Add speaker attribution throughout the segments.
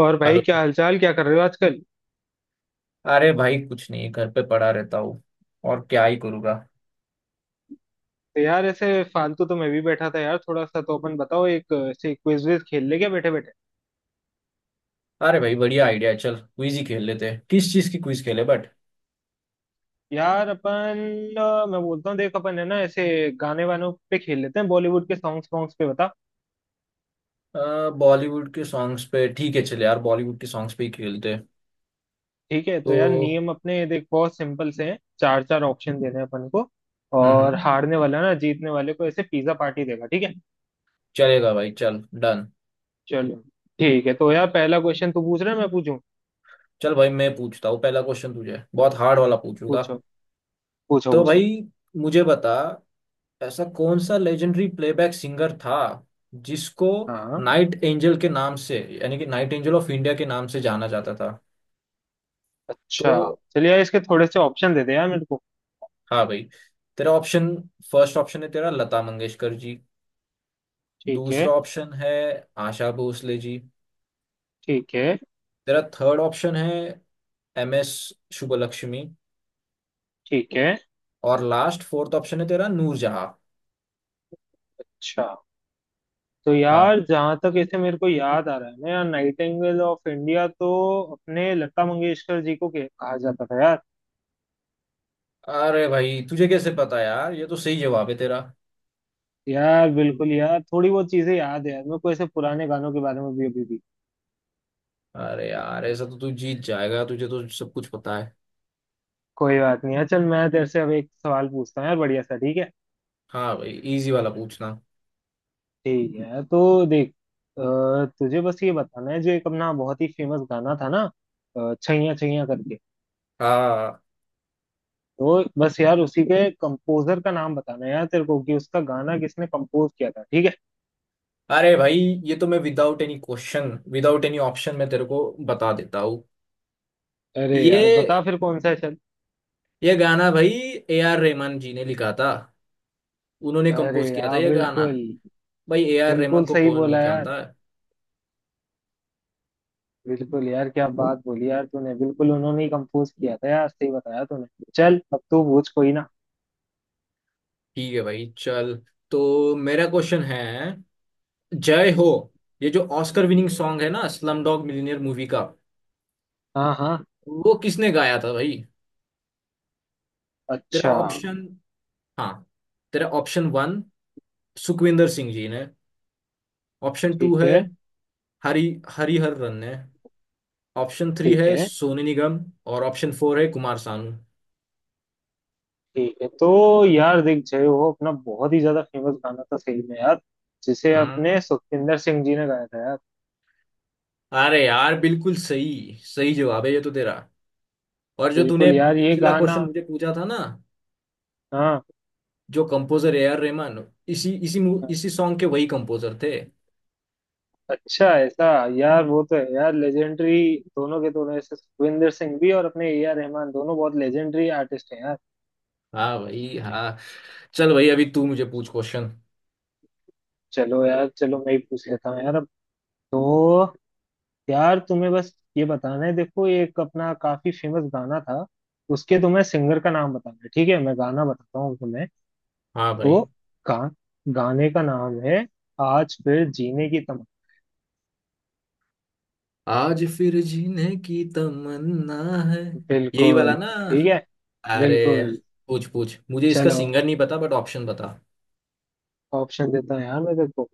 Speaker 1: और भाई
Speaker 2: हेलो।
Speaker 1: क्या हालचाल? क्या कर रहे हो आजकल?
Speaker 2: अरे भाई, कुछ नहीं, घर पे पड़ा रहता हूँ। और क्या ही करूँगा।
Speaker 1: तो यार ऐसे फालतू तो मैं भी बैठा था यार, थोड़ा सा। तो अपन बताओ, एक ऐसे क्विज विज खेल ले क्या बैठे बैठे।
Speaker 2: अरे भाई, बढ़िया आइडिया है। चल क्विज ही खेल लेते हैं। किस चीज़ की क्विज खेले बट?
Speaker 1: यार अपन मैं बोलता हूँ, देख अपन है ना, ऐसे गाने वानों पे खेल लेते हैं, बॉलीवुड के सॉन्ग्स वॉन्ग्स पे। बता
Speaker 2: बॉलीवुड के सॉन्ग्स पे? ठीक है, चल यार, बॉलीवुड के सॉन्ग्स पे ही खेलते हैं।
Speaker 1: ठीक है? तो यार
Speaker 2: तो
Speaker 1: नियम अपने देख बहुत सिंपल से हैं। चार चार ऑप्शन देने हैं अपन को। और
Speaker 2: हम्म।
Speaker 1: हारने वाला ना जीतने वाले को ऐसे पिज्जा पार्टी देगा, ठीक है?
Speaker 2: चलेगा भाई, चल डन।
Speaker 1: चलो ठीक है। तो यार पहला क्वेश्चन तू पूछ रहा है मैं पूछूं?
Speaker 2: चल भाई, मैं पूछता हूँ। पहला क्वेश्चन तुझे बहुत हार्ड वाला पूछूंगा।
Speaker 1: पूछो, पूछो,
Speaker 2: तो
Speaker 1: पूछो।
Speaker 2: भाई मुझे बता, ऐसा कौन सा लेजेंडरी प्लेबैक सिंगर था जिसको
Speaker 1: हाँ।
Speaker 2: नाइट एंजल के नाम से, यानी कि नाइट एंजल ऑफ इंडिया के नाम से जाना जाता था? तो
Speaker 1: अच्छा, चलिए यार इसके थोड़े से ऑप्शन दे दे यार मेरे को।
Speaker 2: हाँ भाई, तेरा ऑप्शन, फर्स्ट ऑप्शन है तेरा लता मंगेशकर जी।
Speaker 1: ठीक है।
Speaker 2: दूसरा ऑप्शन है आशा भोसले जी।
Speaker 1: ठीक है।
Speaker 2: तेरा थर्ड ऑप्शन है एम एस शुभलक्ष्मी।
Speaker 1: ठीक है।
Speaker 2: और लास्ट फोर्थ ऑप्शन है तेरा नूरजहां।
Speaker 1: अच्छा, तो
Speaker 2: हाँ।
Speaker 1: यार जहां तक ऐसे मेरे को याद आ रहा है ना यार, नाइटिंगेल ऑफ इंडिया तो अपने लता मंगेशकर जी को कहा जाता था यार।
Speaker 2: अरे भाई, तुझे कैसे पता यार? ये तो सही जवाब है तेरा।
Speaker 1: यार बिल्कुल, यार थोड़ी बहुत चीजें याद है यार मेरे को ऐसे पुराने गानों के बारे में भी अभी भी।
Speaker 2: अरे यार, ऐसा तो तू जीत जाएगा, तुझे तो सब कुछ पता है।
Speaker 1: कोई बात नहीं है, चल मैं तेरे से अब एक सवाल पूछता हूँ यार, बढ़िया सा। ठीक है?
Speaker 2: हाँ भाई, इजी वाला पूछना।
Speaker 1: ठीक है, तो देख अ, तुझे बस ये बताना है, जो एक अपना बहुत ही फेमस गाना था ना छैया छैया करके,
Speaker 2: हाँ।
Speaker 1: वो बस यार उसी के कंपोजर का नाम बताना है यार तेरे को, कि उसका गाना किसने कंपोज किया था। ठीक है?
Speaker 2: अरे भाई, ये तो मैं without any question without any option मैं तेरे को बता देता हूँ।
Speaker 1: अरे यार बता
Speaker 2: ये
Speaker 1: फिर, कौन सा है चल।
Speaker 2: ये गाना भाई ए आर रहमान जी ने लिखा था। उन्होंने
Speaker 1: अरे
Speaker 2: कंपोज किया था
Speaker 1: यार
Speaker 2: ये गाना।
Speaker 1: बिल्कुल,
Speaker 2: भाई ए आर रहमान
Speaker 1: बिल्कुल
Speaker 2: को
Speaker 1: सही
Speaker 2: कौन
Speaker 1: बोला
Speaker 2: नहीं
Speaker 1: यार।
Speaker 2: जानता।
Speaker 1: बिल्कुल यार, क्या बात बोली यार तूने, बिल्कुल उन्होंने ही कंपोज किया था यार, सही बताया तूने। चल अब तू पूछ, कोई ना।
Speaker 2: ठीक है भाई, चल। तो मेरा क्वेश्चन है, जय हो, ये जो ऑस्कर विनिंग सॉन्ग है ना स्लम डॉग मिलियनेयर मूवी का,
Speaker 1: हाँ हाँ।
Speaker 2: वो किसने गाया था भाई? तेरा
Speaker 1: अच्छा हाँ।
Speaker 2: ऑप्शन, हाँ, तेरा ऑप्शन वन सुखविंदर सिंह जी ने। ऑप्शन टू
Speaker 1: ठीक
Speaker 2: है
Speaker 1: है।
Speaker 2: हरी हरिहरन ने। ऑप्शन थ्री है
Speaker 1: ठीक है।
Speaker 2: सोनू निगम। और ऑप्शन फोर है कुमार सानू।
Speaker 1: ठीक है। तो यार देख, जय हो अपना बहुत ही ज्यादा फेमस गाना था सही में यार, जिसे
Speaker 2: हाँ।
Speaker 1: अपने सुखविंदर सिंह जी ने गाया था यार।
Speaker 2: अरे यार बिल्कुल सही, सही जवाब है ये तो तेरा। और जो तूने
Speaker 1: बिल्कुल यार, ये
Speaker 2: पिछला
Speaker 1: गाना।
Speaker 2: क्वेश्चन मुझे पूछा था ना,
Speaker 1: हाँ।
Speaker 2: जो कंपोजर ए आर रहमान, इसी इसी मू- इसी सॉन्ग के वही कंपोजर थे।
Speaker 1: अच्छा ऐसा? यार वो तो है यार लेजेंडरी, दोनों के दोनों ऐसे, सुखविंदर सिंह भी और अपने ए आर रहमान, दोनों बहुत लेजेंडरी आर्टिस्ट हैं यार।
Speaker 2: हाँ भाई हाँ। चल भाई, अभी तू मुझे पूछ क्वेश्चन।
Speaker 1: चलो यार, चलो मैं ही पूछ लेता हूँ यार अब। तो यार तुम्हें बस ये बताना है, देखो एक अपना काफी फेमस गाना था, उसके तुम्हें सिंगर का नाम बताना है। ठीक है? मैं गाना बताता हूँ तुम्हें।
Speaker 2: हाँ भाई।
Speaker 1: तो गा, गाने का नाम है, आज फिर जीने की तमन्ना।
Speaker 2: आज फिर जीने की तमन्ना है, यही वाला
Speaker 1: बिल्कुल
Speaker 2: ना?
Speaker 1: ठीक है।
Speaker 2: अरे
Speaker 1: बिल्कुल।
Speaker 2: पूछ पूछ, मुझे इसका
Speaker 1: चलो
Speaker 2: सिंगर नहीं पता बट ऑप्शन बता।
Speaker 1: ऑप्शन देता हूँ यार मैं तेरे को।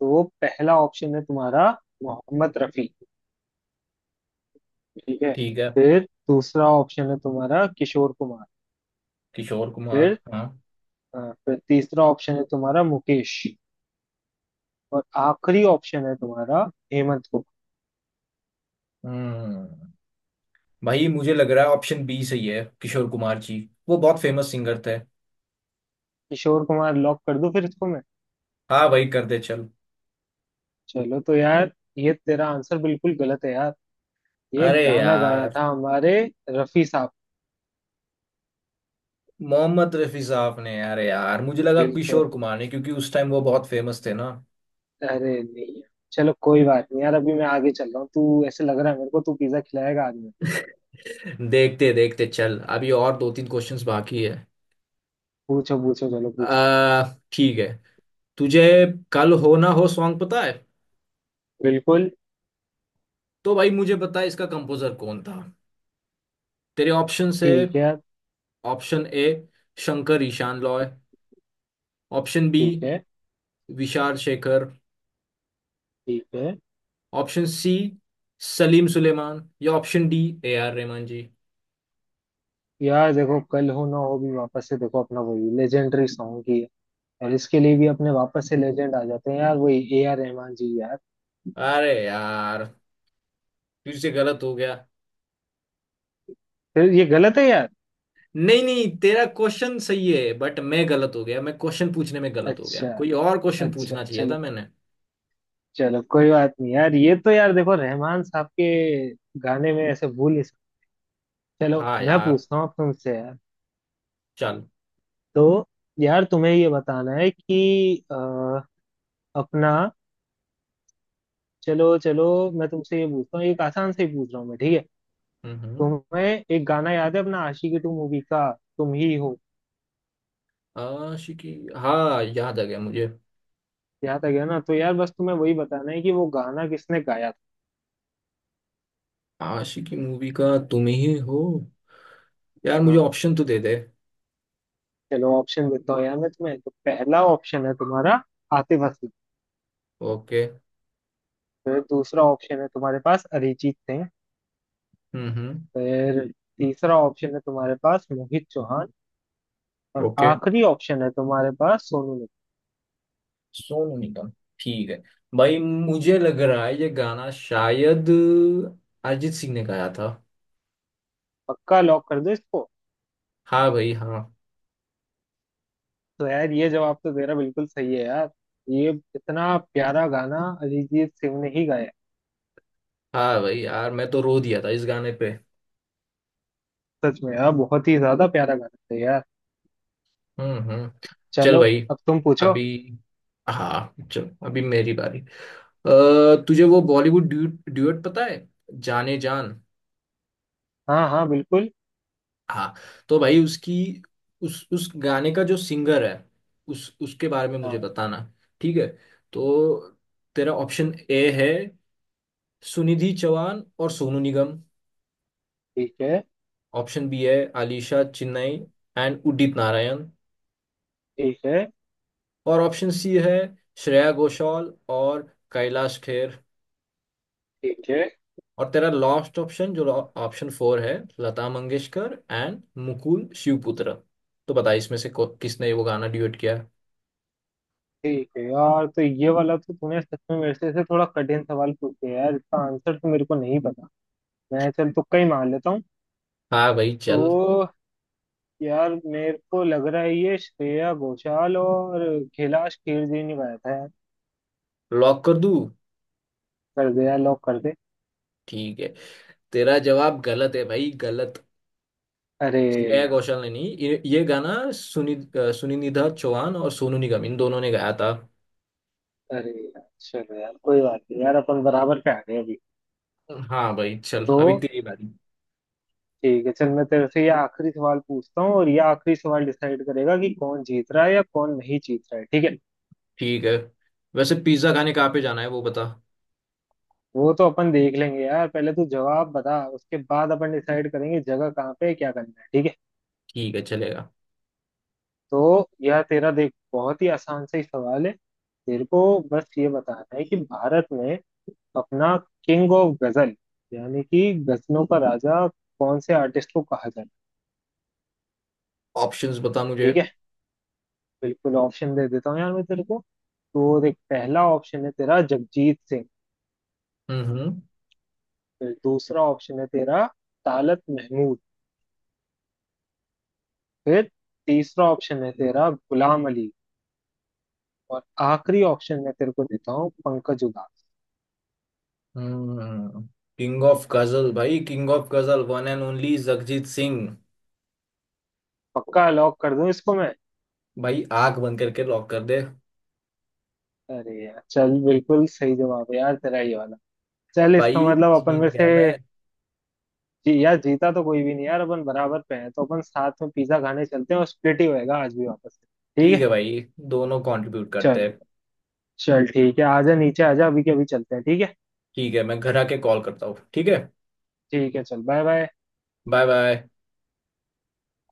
Speaker 1: तो वो पहला ऑप्शन है तुम्हारा, मोहम्मद रफी। ठीक है?
Speaker 2: ठीक है।
Speaker 1: फिर दूसरा ऑप्शन है तुम्हारा, किशोर कुमार।
Speaker 2: किशोर कुमार।
Speaker 1: फिर
Speaker 2: हाँ।
Speaker 1: अ, फिर तीसरा ऑप्शन है तुम्हारा, मुकेश। और आखिरी ऑप्शन है तुम्हारा, हेमंत को।
Speaker 2: हम्म। भाई मुझे लग रहा है ऑप्शन बी सही है, किशोर कुमार जी, वो बहुत फेमस सिंगर थे।
Speaker 1: किशोर कुमार लॉक कर दूं फिर इसको मैं?
Speaker 2: हाँ भाई, कर दे चल।
Speaker 1: चलो, तो यार ये तेरा आंसर बिल्कुल गलत है यार, ये
Speaker 2: अरे
Speaker 1: गाना गाया
Speaker 2: यार,
Speaker 1: था हमारे रफी साहब।
Speaker 2: मोहम्मद रफी साहब ने? अरे यार, मुझे लगा किशोर
Speaker 1: बिल्कुल।
Speaker 2: कुमार ने क्योंकि उस टाइम वो बहुत फेमस थे ना।
Speaker 1: अरे नहीं यार। चलो कोई बात नहीं यार, अभी मैं आगे चल रहा हूँ। तू ऐसे लग रहा है मेरे को, तू पिज्जा खिलाएगा आज।
Speaker 2: देखते देखते, चल अभी और दो तीन क्वेश्चंस बाकी है।
Speaker 1: पूछो पूछो चलो पूछो।
Speaker 2: आ, ठीक है। तुझे कल हो ना हो सॉन्ग पता है?
Speaker 1: बिल्कुल।
Speaker 2: तो भाई मुझे बता, इसका कंपोजर कौन था? तेरे ऑप्शन है,
Speaker 1: ठीक है।
Speaker 2: Option A Shankar Ehsaan Loy, option B
Speaker 1: ठीक है।
Speaker 2: विशाल शेखर,
Speaker 1: ठीक है
Speaker 2: ऑप्शन सी सलीम सुलेमान, या option D A R Rahman ji.
Speaker 1: यार, देखो कल हो ना हो भी वापस से देखो अपना वही लेजेंडरी सॉन्ग ही है, और इसके लिए भी अपने वापस से लेजेंड आ जाते हैं यार, वही ए आर रहमान जी यार।
Speaker 2: अरे यार तुझसे गलत हो गया।
Speaker 1: फिर ये गलत है यार?
Speaker 2: नहीं नहीं, तेरा क्वेश्चन सही है बट मैं गलत हो गया, मैं क्वेश्चन पूछने में गलत हो गया,
Speaker 1: अच्छा।
Speaker 2: कोई और क्वेश्चन
Speaker 1: अच्छा
Speaker 2: पूछना चाहिए था
Speaker 1: चलो,
Speaker 2: मैंने।
Speaker 1: चलो कोई बात नहीं यार, ये तो यार देखो रहमान साहब के गाने में ऐसे भूल नहीं सकते। चलो
Speaker 2: हाँ
Speaker 1: मैं
Speaker 2: यार,
Speaker 1: पूछता हूँ अब तुमसे यार।
Speaker 2: चल।
Speaker 1: तो यार तुम्हें ये बताना है कि अपना, चलो चलो मैं तुमसे ये पूछता हूँ, एक आसान से ही पूछ रहा हूँ मैं। ठीक है?
Speaker 2: हम्म हम्म।
Speaker 1: तुम्हें एक गाना याद है अपना आशिकी टू मूवी का, तुम ही हो।
Speaker 2: आशिकी, हाँ याद आ गया मुझे।
Speaker 1: याद आ गया ना? तो यार बस तुम्हें वही बताना है कि वो गाना किसने गाया था।
Speaker 2: आशिकी मूवी का तुम ही हो। यार मुझे
Speaker 1: हाँ
Speaker 2: ऑप्शन तो दे दे।
Speaker 1: चलो ऑप्शन देता हूँ यार मैं तुम्हें। तो पहला ऑप्शन है तुम्हारा, आतिफ असलम।
Speaker 2: ओके।
Speaker 1: फिर दूसरा ऑप्शन है तुम्हारे पास, अरिजीत सिंह।
Speaker 2: हम्म।
Speaker 1: फिर तीसरा ऑप्शन है तुम्हारे पास, मोहित चौहान। और
Speaker 2: ओके।
Speaker 1: आखिरी ऑप्शन है तुम्हारे पास, सोनू निगम।
Speaker 2: सोनू निगम। ठीक है भाई, मुझे लग रहा है ये गाना शायद अरिजीत सिंह ने गाया था।
Speaker 1: पक्का? लॉक कर दो इसको?
Speaker 2: हाँ भाई हाँ।
Speaker 1: तो यार ये जवाब तो तेरा बिल्कुल सही है यार, ये इतना प्यारा गाना अरिजीत सिंह ने ही गाया है।
Speaker 2: हाँ भाई यार, मैं तो रो दिया था इस गाने पे।
Speaker 1: सच में यार बहुत ही ज्यादा प्यारा गाना था यार।
Speaker 2: हम्म। चल
Speaker 1: चलो
Speaker 2: भाई,
Speaker 1: अब तुम पूछो।
Speaker 2: अभी हाँ, चल अभी मेरी बारी। अ, तुझे वो बॉलीवुड ड्यूट ड्यूट पता है, जाने जान?
Speaker 1: हाँ हाँ बिल्कुल।
Speaker 2: हाँ, तो भाई उसकी, उस गाने का जो सिंगर है, उस उसके बारे में
Speaker 1: हाँ।
Speaker 2: मुझे बताना। ठीक है। तो तेरा ऑप्शन ए है सुनिधि चौहान और सोनू निगम।
Speaker 1: ठीक है।
Speaker 2: ऑप्शन बी है आलिशा चिन्नई एंड उदित नारायण।
Speaker 1: ठीक है।
Speaker 2: और ऑप्शन सी है श्रेया घोषाल और कैलाश खेर।
Speaker 1: ठीक है।
Speaker 2: और तेरा लास्ट ऑप्शन जो ऑप्शन फोर है, लता मंगेशकर एंड मुकुल शिवपुत्र। तो बता, इसमें से किसने वो गाना ड्यूट किया है?
Speaker 1: ठीक है यार, तो ये वाला तो तूने सच में मेरे से ऐसे थोड़ा कठिन सवाल पूछे यार, इसका आंसर तो मेरे को नहीं पता। मैं चल तुक्का ही मार लेता हूँ।
Speaker 2: हाँ भाई चल,
Speaker 1: तो यार मेरे को लग रहा है ये श्रेया घोषाल और कैलाश खेर जी ने गाया था यार।
Speaker 2: लॉक कर दूं?
Speaker 1: कर दे यार, लॉक कर दे।
Speaker 2: ठीक है। तेरा जवाब गलत है भाई, गलत।
Speaker 1: अरे।
Speaker 2: श्रेया घोषाल ने नहीं, ये गाना सुनिधि चौहान और सोनू निगम इन दोनों ने गाया था।
Speaker 1: अरे यार, चलो यार कोई बात नहीं यार, अपन बराबर पे आ गए अभी।
Speaker 2: हाँ भाई चल, अभी
Speaker 1: तो
Speaker 2: तेरी बारी।
Speaker 1: ठीक है, चल मैं तेरे से ये आखिरी सवाल पूछता हूँ, और ये आखिरी सवाल डिसाइड करेगा कि कौन जीत रहा है या कौन नहीं जीत रहा है। ठीक है?
Speaker 2: ठीक है। वैसे पिज्जा खाने कहाँ पे जाना है वो बता।
Speaker 1: वो तो अपन देख लेंगे यार, पहले तू जवाब बता, उसके बाद अपन डिसाइड करेंगे जगह कहाँ पे है क्या करना है। ठीक है?
Speaker 2: ठीक है, चलेगा।
Speaker 1: तो यह तेरा देख बहुत ही आसान सा ही सवाल है। तेरे को बस ये बताना है कि भारत में अपना किंग ऑफ गजल, यानी कि गजलों का राजा, कौन से आर्टिस्ट को कहा जाता है?
Speaker 2: ऑप्शंस बता मुझे।
Speaker 1: ठीक है, बिल्कुल ऑप्शन दे देता हूँ यार मैं तेरे को। तो देख पहला ऑप्शन है तेरा, जगजीत सिंह।
Speaker 2: हम्म
Speaker 1: फिर दूसरा ऑप्शन है तेरा, तालत महमूद। फिर तीसरा ऑप्शन है तेरा, गुलाम अली। और आखिरी ऑप्शन मैं तेरे को देता हूँ, पंकज उधास।
Speaker 2: हम्म। किंग ऑफ गजल भाई, king of ghazal, one and only Jagjit Singh.
Speaker 1: पक्का लॉक कर दूं इसको मैं?
Speaker 2: भाई आंख बंद करके लॉक कर दे।
Speaker 1: अरे यार चल बिल्कुल सही जवाब है यार तेरा ये वाला। चल इसका
Speaker 2: भाई
Speaker 1: मतलब अपन
Speaker 2: जीत
Speaker 1: में से,
Speaker 2: गया मैं।
Speaker 1: जी, यार जीता तो कोई भी नहीं यार, अपन बराबर पे हैं, तो अपन साथ में पिज्जा खाने चलते हैं और स्प्लिट ही होएगा आज भी वापस से।
Speaker 2: ठीक
Speaker 1: ठीक
Speaker 2: है
Speaker 1: है?
Speaker 2: भाई, दोनों कंट्रीब्यूट करते
Speaker 1: चल।
Speaker 2: हैं।
Speaker 1: चल ठीक है, आजा नीचे आजा, अभी के अभी चलते हैं, ठीक है?
Speaker 2: ठीक है, मैं घर आके कॉल करता हूँ। ठीक है।
Speaker 1: ठीक है, चल बाय बाय।
Speaker 2: Bye bye.